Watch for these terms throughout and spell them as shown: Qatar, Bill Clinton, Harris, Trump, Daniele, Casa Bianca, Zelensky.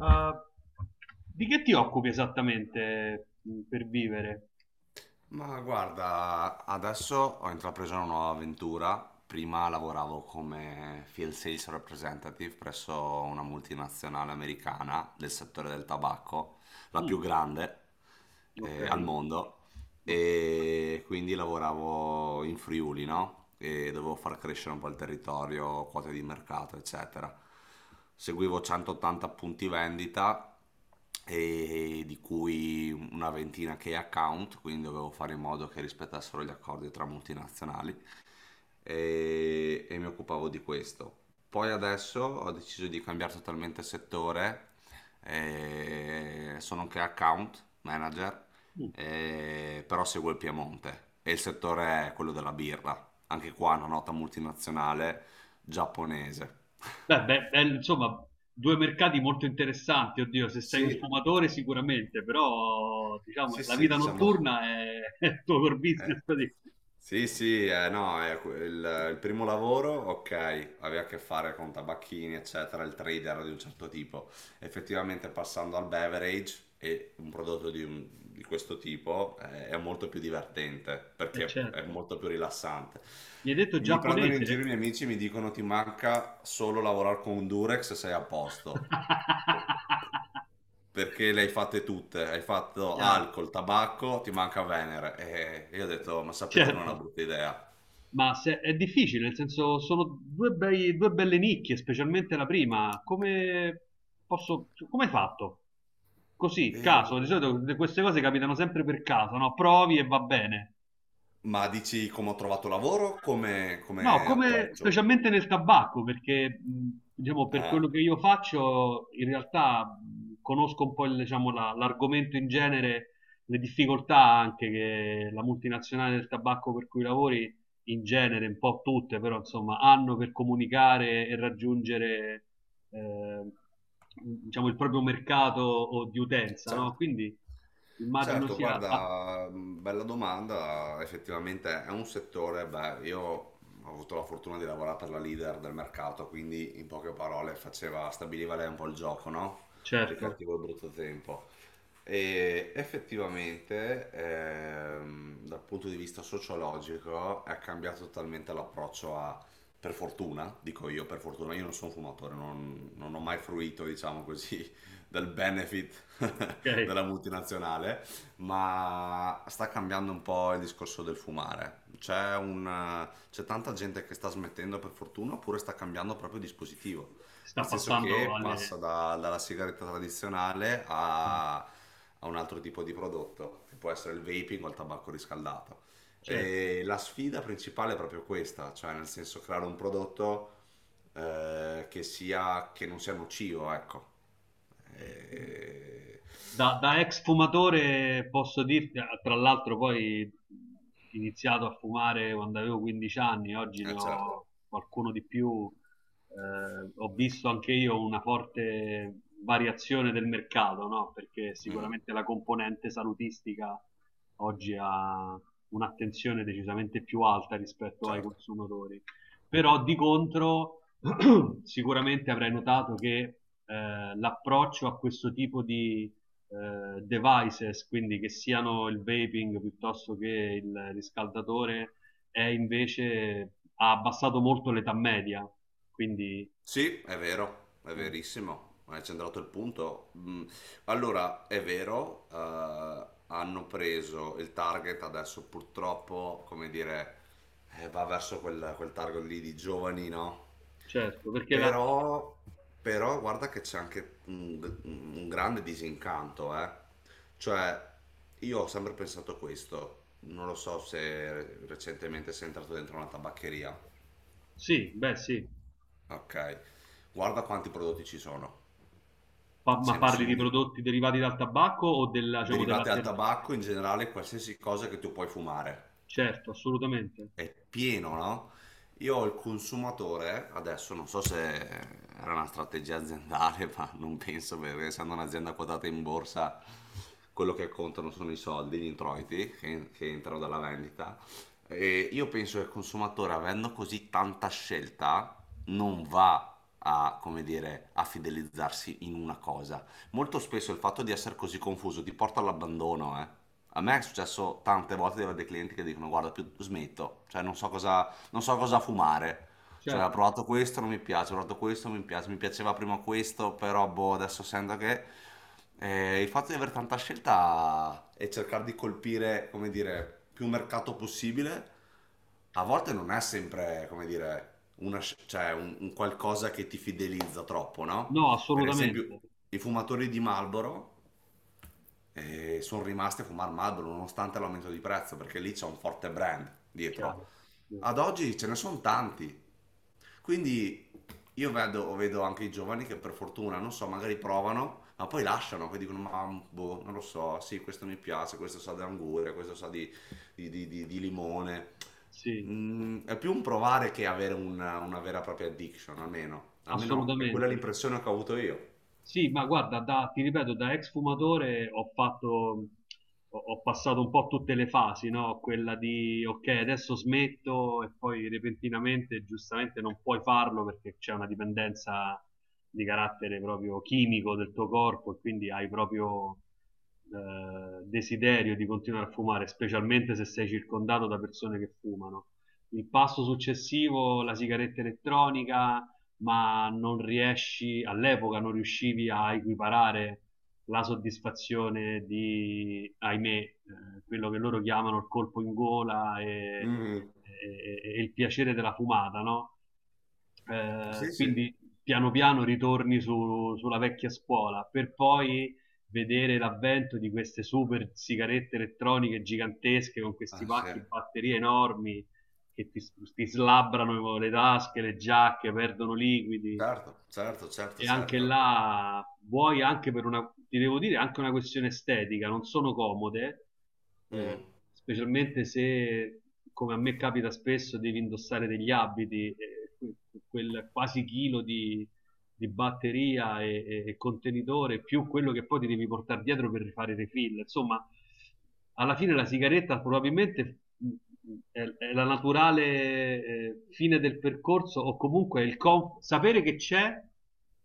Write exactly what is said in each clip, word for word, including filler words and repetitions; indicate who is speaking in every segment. Speaker 1: Ah, di che ti occupi esattamente mm, per vivere?
Speaker 2: Ma guarda, adesso ho intrapreso una nuova avventura. Prima lavoravo come field sales representative presso una multinazionale americana del settore del tabacco, la più
Speaker 1: Mm,
Speaker 2: grande
Speaker 1: ok.
Speaker 2: eh, al mondo,
Speaker 1: Ok.
Speaker 2: e quindi lavoravo in Friuli, no? E dovevo far crescere un po' il territorio, quote di mercato, eccetera. Seguivo centottanta punti vendita, e di cui una ventina che account, quindi dovevo fare in modo che rispettassero gli accordi tra multinazionali, e, e mi occupavo di questo. Poi adesso ho deciso di cambiare totalmente settore, eh, sono anche account manager,
Speaker 1: Mm.
Speaker 2: eh, però seguo il Piemonte e il settore è quello della birra, anche qua una nota multinazionale giapponese.
Speaker 1: Beh, beh, eh, insomma, due mercati molto interessanti, oddio, se sei
Speaker 2: Sì,
Speaker 1: un fumatore sicuramente, però diciamo
Speaker 2: sì,
Speaker 1: la
Speaker 2: sì,
Speaker 1: vita
Speaker 2: diciamo.
Speaker 1: notturna è, è il tuo core
Speaker 2: eh,
Speaker 1: business. Praticamente.
Speaker 2: Sì, sì, eh, no, eh, que- il, il primo lavoro, ok, aveva a che fare con tabacchini, eccetera, il trader di un certo tipo. Effettivamente passando al beverage e un prodotto di, un- di questo tipo eh, è molto più divertente
Speaker 1: Eh,
Speaker 2: perché è
Speaker 1: certo.
Speaker 2: molto più rilassante.
Speaker 1: Mi hai detto
Speaker 2: Mi prendono in giro
Speaker 1: giapponese?
Speaker 2: i miei amici e mi dicono ti manca solo lavorare con un Durex e sei a posto. Per- Perché le hai fatte tutte, hai fatto
Speaker 1: Chiaro,
Speaker 2: alcol, tabacco, ti manca Venere. E io ho detto, ma sapete che non è una
Speaker 1: certo.
Speaker 2: brutta idea.
Speaker 1: Ma se- è difficile, nel senso sono due, bei- due belle nicchie, specialmente la prima. Come posso, come hai fatto? Così,
Speaker 2: E-
Speaker 1: caso, di solito queste cose capitano sempre per caso, no? Provi e va bene.
Speaker 2: Ma dici come ho trovato lavoro? Come,
Speaker 1: No,
Speaker 2: come
Speaker 1: come
Speaker 2: approccio?
Speaker 1: specialmente nel tabacco, perché mh, diciamo, per quello
Speaker 2: Ah,
Speaker 1: che io faccio, in realtà mh, conosco un po' il, diciamo, la- l'argomento in genere, le difficoltà anche che la multinazionale del tabacco per cui lavori, in genere, un po' tutte, però insomma, hanno per comunicare e raggiungere eh, diciamo, il proprio mercato o di utenza, no?
Speaker 2: certo.
Speaker 1: Quindi immagino
Speaker 2: Certo,
Speaker 1: sia... ah,
Speaker 2: guarda, mh, bella domanda, effettivamente è un settore, beh, io ho avuto la fortuna di lavorare per la leader del mercato, quindi in poche parole faceva, stabiliva lei un po' il gioco, no? Il
Speaker 1: certo,
Speaker 2: cattivo e il brutto tempo. E effettivamente, ehm, dal punto di vista sociologico, è cambiato totalmente l'approccio a, per fortuna, dico io per fortuna, io non sono fumatore, non non ho mai fruito, diciamo così, del benefit
Speaker 1: ok,
Speaker 2: della multinazionale, ma sta cambiando un po' il discorso del fumare. C'è, un, c'è tanta gente che sta smettendo per fortuna, oppure sta cambiando proprio dispositivo,
Speaker 1: sta
Speaker 2: nel senso
Speaker 1: passando
Speaker 2: che passa
Speaker 1: alle...
Speaker 2: da- dalla sigaretta tradizionale a, a un altro tipo di prodotto, che può essere il vaping o il tabacco riscaldato.
Speaker 1: Certo.
Speaker 2: E la sfida principale è proprio questa, cioè nel senso creare un prodotto eh, che sia, che non sia nocivo, ecco. E...
Speaker 1: Da, da ex fumatore posso dirti, eh, tra l'altro poi ho iniziato a fumare quando avevo quindici anni, oggi ne
Speaker 2: Eh, certo.
Speaker 1: ho qualcuno di più, eh, ho visto anche io una forte variazione del mercato, no? Perché
Speaker 2: Mhm.
Speaker 1: sicuramente la componente salutistica oggi ha un'attenzione decisamente più alta rispetto ai
Speaker 2: Certo.
Speaker 1: consumatori però di contro sicuramente avrai notato che eh, l'approccio a questo tipo di eh, devices, quindi che siano il vaping piuttosto che il riscaldatore, è invece ha abbassato molto l'età media. Quindi,
Speaker 2: Sì, è vero, è
Speaker 1: eh,
Speaker 2: verissimo, hai centrato il punto. Mm, Allora, è vero, eh, hanno preso il target adesso purtroppo, come dire, eh, va verso quel, quel target lì di giovani, no?
Speaker 1: certo, perché la...
Speaker 2: Però, però guarda che c'è anche un, un grande disincanto, eh. Cioè, io ho sempre pensato questo, non lo so se recentemente sei entrato dentro una tabaccheria.
Speaker 1: Sì, beh, sì.
Speaker 2: Ok, guarda quanti prodotti ci sono,
Speaker 1: Pa-
Speaker 2: ce
Speaker 1: ma
Speaker 2: ne
Speaker 1: parli
Speaker 2: sono
Speaker 1: di
Speaker 2: un-
Speaker 1: prodotti derivati dal tabacco o della, diciamo,
Speaker 2: derivati dal
Speaker 1: dell'alternativa?
Speaker 2: tabacco in generale, qualsiasi cosa che tu puoi fumare.
Speaker 1: Certo, assolutamente.
Speaker 2: È pieno, no? Io ho il consumatore, adesso non so se era una strategia aziendale, ma non penso, perché essendo un'azienda quotata in borsa, quello che contano sono i soldi, gli introiti che, che entrano dalla vendita. E io penso che il consumatore, avendo così tanta scelta, non va a, come dire, a fidelizzarsi in una cosa. Molto spesso il fatto di essere così confuso ti porta all'abbandono, eh. A me è successo tante volte di avere dei clienti che dicono guarda più smetto, cioè non so cosa, non so cosa fumare, cioè ho
Speaker 1: Certo.
Speaker 2: provato questo, non mi piace, ho provato questo, non mi piace, mi piaceva prima questo, però boh, adesso sento che... Eh, il fatto di avere tanta scelta e cercare di colpire, come dire, più mercato possibile, a volte non è sempre, come dire, una sc- cioè un, un qualcosa che ti fidelizza troppo, no?
Speaker 1: No,
Speaker 2: Per esempio,
Speaker 1: assolutamente.
Speaker 2: i fumatori di Marlboro e sono rimasti a fumare Marlboro nonostante l'aumento di prezzo perché lì c'è un forte brand dietro.
Speaker 1: Chiaro. Mh.
Speaker 2: Ad oggi ce ne sono tanti, quindi io vedo, vedo anche i giovani che per fortuna, non so, magari provano, ma poi lasciano, poi dicono, ma boh, non lo so, sì, questo mi piace, questo sa di anguria, questo sa di, di- di- di- di limone.
Speaker 1: Sì,
Speaker 2: Mm, è più un provare che avere una, una vera e propria addiction, almeno. Almeno è quella
Speaker 1: assolutamente.
Speaker 2: l'impressione che ho avuto io.
Speaker 1: Sì, ma guarda, da- ti ripeto, da ex fumatore ho fatto, ho, ho passato un po' tutte le fasi, no? Quella di, ok, adesso smetto e poi repentinamente, giustamente, non puoi farlo perché c'è una dipendenza di carattere proprio chimico del tuo corpo e quindi hai proprio eh, desiderio di continuare a fumare, specialmente se sei circondato da persone che fumano. Il passo successivo, la sigaretta elettronica, ma non riesci, all'epoca non riuscivi a equiparare la soddisfazione di, ahimè, eh, quello che loro chiamano il colpo in gola e,
Speaker 2: Mm,
Speaker 1: e- e il piacere della fumata, no? Eh,
Speaker 2: sì, sì.
Speaker 1: quindi piano piano ritorni su- sulla vecchia scuola per poi vedere l'avvento di queste super sigarette elettroniche gigantesche con questi
Speaker 2: Ah, sì.
Speaker 1: pacchi di batterie enormi che ti, ti slabbrano le tasche, le giacche, perdono liquidi.
Speaker 2: Certo, certo, certo,
Speaker 1: E anche
Speaker 2: certo.
Speaker 1: là, vuoi anche per una, ti devo dire, anche una questione estetica, non sono comode,
Speaker 2: Mm,
Speaker 1: eh, specialmente se, come a me capita spesso, devi indossare degli abiti, eh, quel quasi chilo di, di batteria e, e- e contenitore più quello che poi ti devi portare dietro per rifare i refill. Insomma, alla fine la sigaretta probabilmente mh, è, è la naturale eh, fine del percorso o comunque il com- sapere che c'è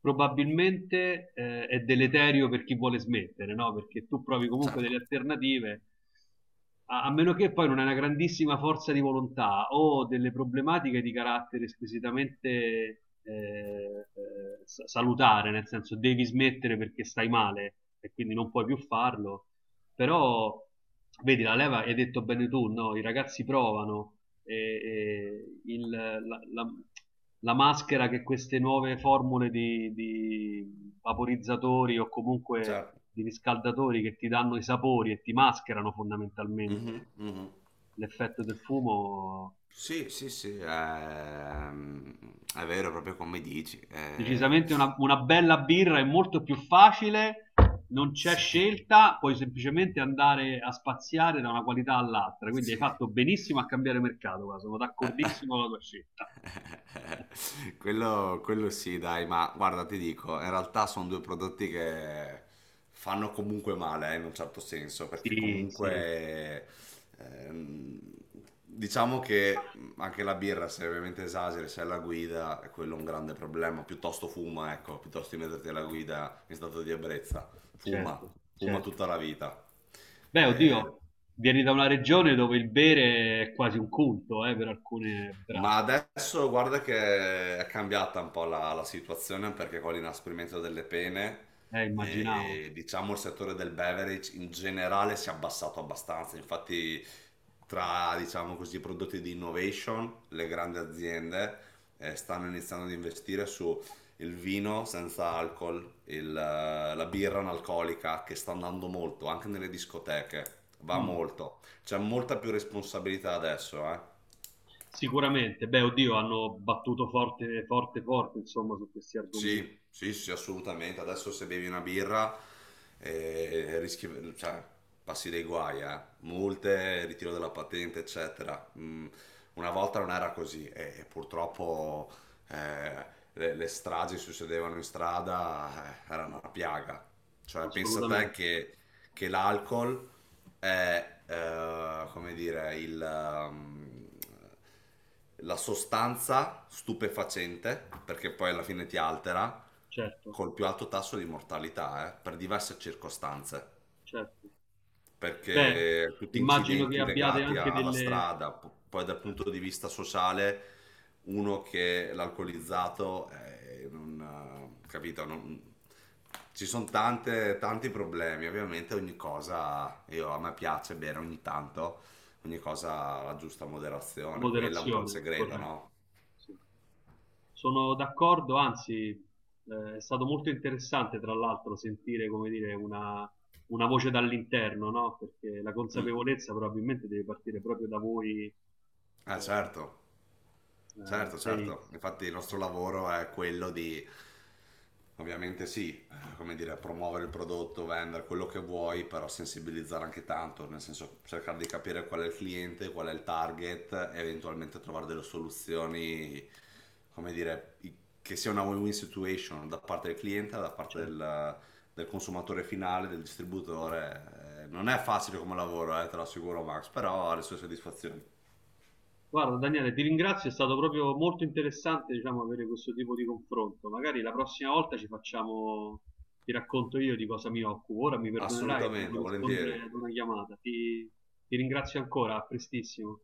Speaker 1: probabilmente eh, è deleterio per chi vuole smettere, no? Perché tu provi comunque delle
Speaker 2: certo,
Speaker 1: alternative a, a meno che poi non hai una grandissima forza di volontà o delle problematiche di carattere squisitamente eh, eh, sa- salutare, nel senso devi smettere perché stai male e quindi non puoi più farlo, però, vedi, la leva, hai detto bene tu, no? I ragazzi provano, e, e il- la, la- la maschera che queste nuove formule di, di vaporizzatori o comunque
Speaker 2: certo.
Speaker 1: di riscaldatori che ti danno i sapori e ti mascherano fondamentalmente
Speaker 2: Mhm, mhm.
Speaker 1: l'effetto del fumo
Speaker 2: Sì, sì, sì, ehm, è vero, proprio come dici. Eh,
Speaker 1: decisamente una, una bella birra è molto più facile, non c'è
Speaker 2: sì,
Speaker 1: scelta, puoi semplicemente andare a spaziare da una qualità all'altra. Quindi hai
Speaker 2: sì.
Speaker 1: fatto benissimo a cambiare mercato, guarda, sono d'accordissimo con la tua scelta.
Speaker 2: Quello, quello sì, dai, ma guarda, ti dico, in realtà sono due prodotti che fanno comunque male, eh, in un certo senso, perché
Speaker 1: Sì, sì,
Speaker 2: comunque ehm, diciamo che anche la birra, se ovviamente esageri, se è alla guida, è quello un grande problema. Piuttosto fuma, ecco, piuttosto di metterti alla guida in stato di ebbrezza.
Speaker 1: certo,
Speaker 2: Fuma, fuma
Speaker 1: certo.
Speaker 2: tutta la vita.
Speaker 1: Beh,
Speaker 2: Eh,
Speaker 1: oddio, vieni da una regione dove il bere è quasi un culto, eh, per alcune
Speaker 2: Ma
Speaker 1: braccia.
Speaker 2: adesso guarda che è cambiata un po' la, la situazione, perché con l'inasprimento delle pene,
Speaker 1: Eh, immaginavo.
Speaker 2: eh, diciamo il settore del beverage in generale si è abbassato abbastanza. Infatti, tra diciamo così, i prodotti di innovation, le grandi aziende eh, stanno iniziando ad investire su il vino senza alcol, il, eh, la birra analcolica che sta andando molto anche nelle discoteche, va
Speaker 1: Mm,
Speaker 2: molto. C'è molta più responsabilità adesso, eh.
Speaker 1: sicuramente. Beh, oddio, hanno battuto forte, forte, forte, insomma, su questi argomenti.
Speaker 2: Sì, sì, sì, assolutamente. Adesso se bevi una birra, eh, rischi, cioè, passi dei guai, eh. Multe, ritiro della patente, eccetera. Mm, una volta non era così, e, e purtroppo eh, le, le stragi succedevano in strada, eh, erano una piaga. Cioè, pensa te
Speaker 1: Assolutamente,
Speaker 2: che, che, l'alcol è, eh, come dire, il, ehm, la sostanza stupefacente, perché poi alla fine ti altera,
Speaker 1: certo,
Speaker 2: col più alto tasso di mortalità, eh, per diverse circostanze,
Speaker 1: certo. Beh,
Speaker 2: perché tutti
Speaker 1: immagino che
Speaker 2: incidenti
Speaker 1: abbiate
Speaker 2: legati
Speaker 1: anche
Speaker 2: a- alla
Speaker 1: delle
Speaker 2: strada. P- poi dal punto di vista sociale, uno che è l'alcolizzato, eh, non, eh, capito, non- ci sono tante, tanti problemi, ovviamente ogni cosa, io, a me piace bere ogni tanto, ogni cosa alla giusta moderazione, quella è un po' il
Speaker 1: moderazioni,
Speaker 2: segreto,
Speaker 1: corretto.
Speaker 2: no?
Speaker 1: Sì. Sono d'accordo, anzi, eh, è stato molto interessante, tra l'altro, sentire, come dire, una, una voce dall'interno, no? Perché la
Speaker 2: Mm.
Speaker 1: consapevolezza probabilmente deve partire proprio da voi, eh,
Speaker 2: Ah, certo.
Speaker 1: eh,
Speaker 2: Certo,
Speaker 1: dei-
Speaker 2: certo. Infatti il nostro
Speaker 1: certo,
Speaker 2: lavoro è quello di, ovviamente sì, eh, come dire, promuovere il prodotto, vendere quello che vuoi, però sensibilizzare anche tanto, nel senso cercare di capire qual è il cliente, qual è il target, e eventualmente trovare delle soluzioni, come dire, i- che sia una win-win situation da parte del cliente, da parte
Speaker 1: certo.
Speaker 2: del, del consumatore finale, del distributore. Eh, Non è facile come lavoro, eh, te lo assicuro Max, però ha le sue soddisfazioni.
Speaker 1: Guarda Daniele, ti ringrazio, è stato proprio molto interessante, diciamo, avere questo tipo di confronto. Magari la prossima volta ci facciamo, ti racconto io di cosa mi occupo. Ora mi perdonerai, devo
Speaker 2: Assolutamente,
Speaker 1: rispondere
Speaker 2: volentieri.
Speaker 1: ad una chiamata. Ti, ti ringrazio ancora, a prestissimo.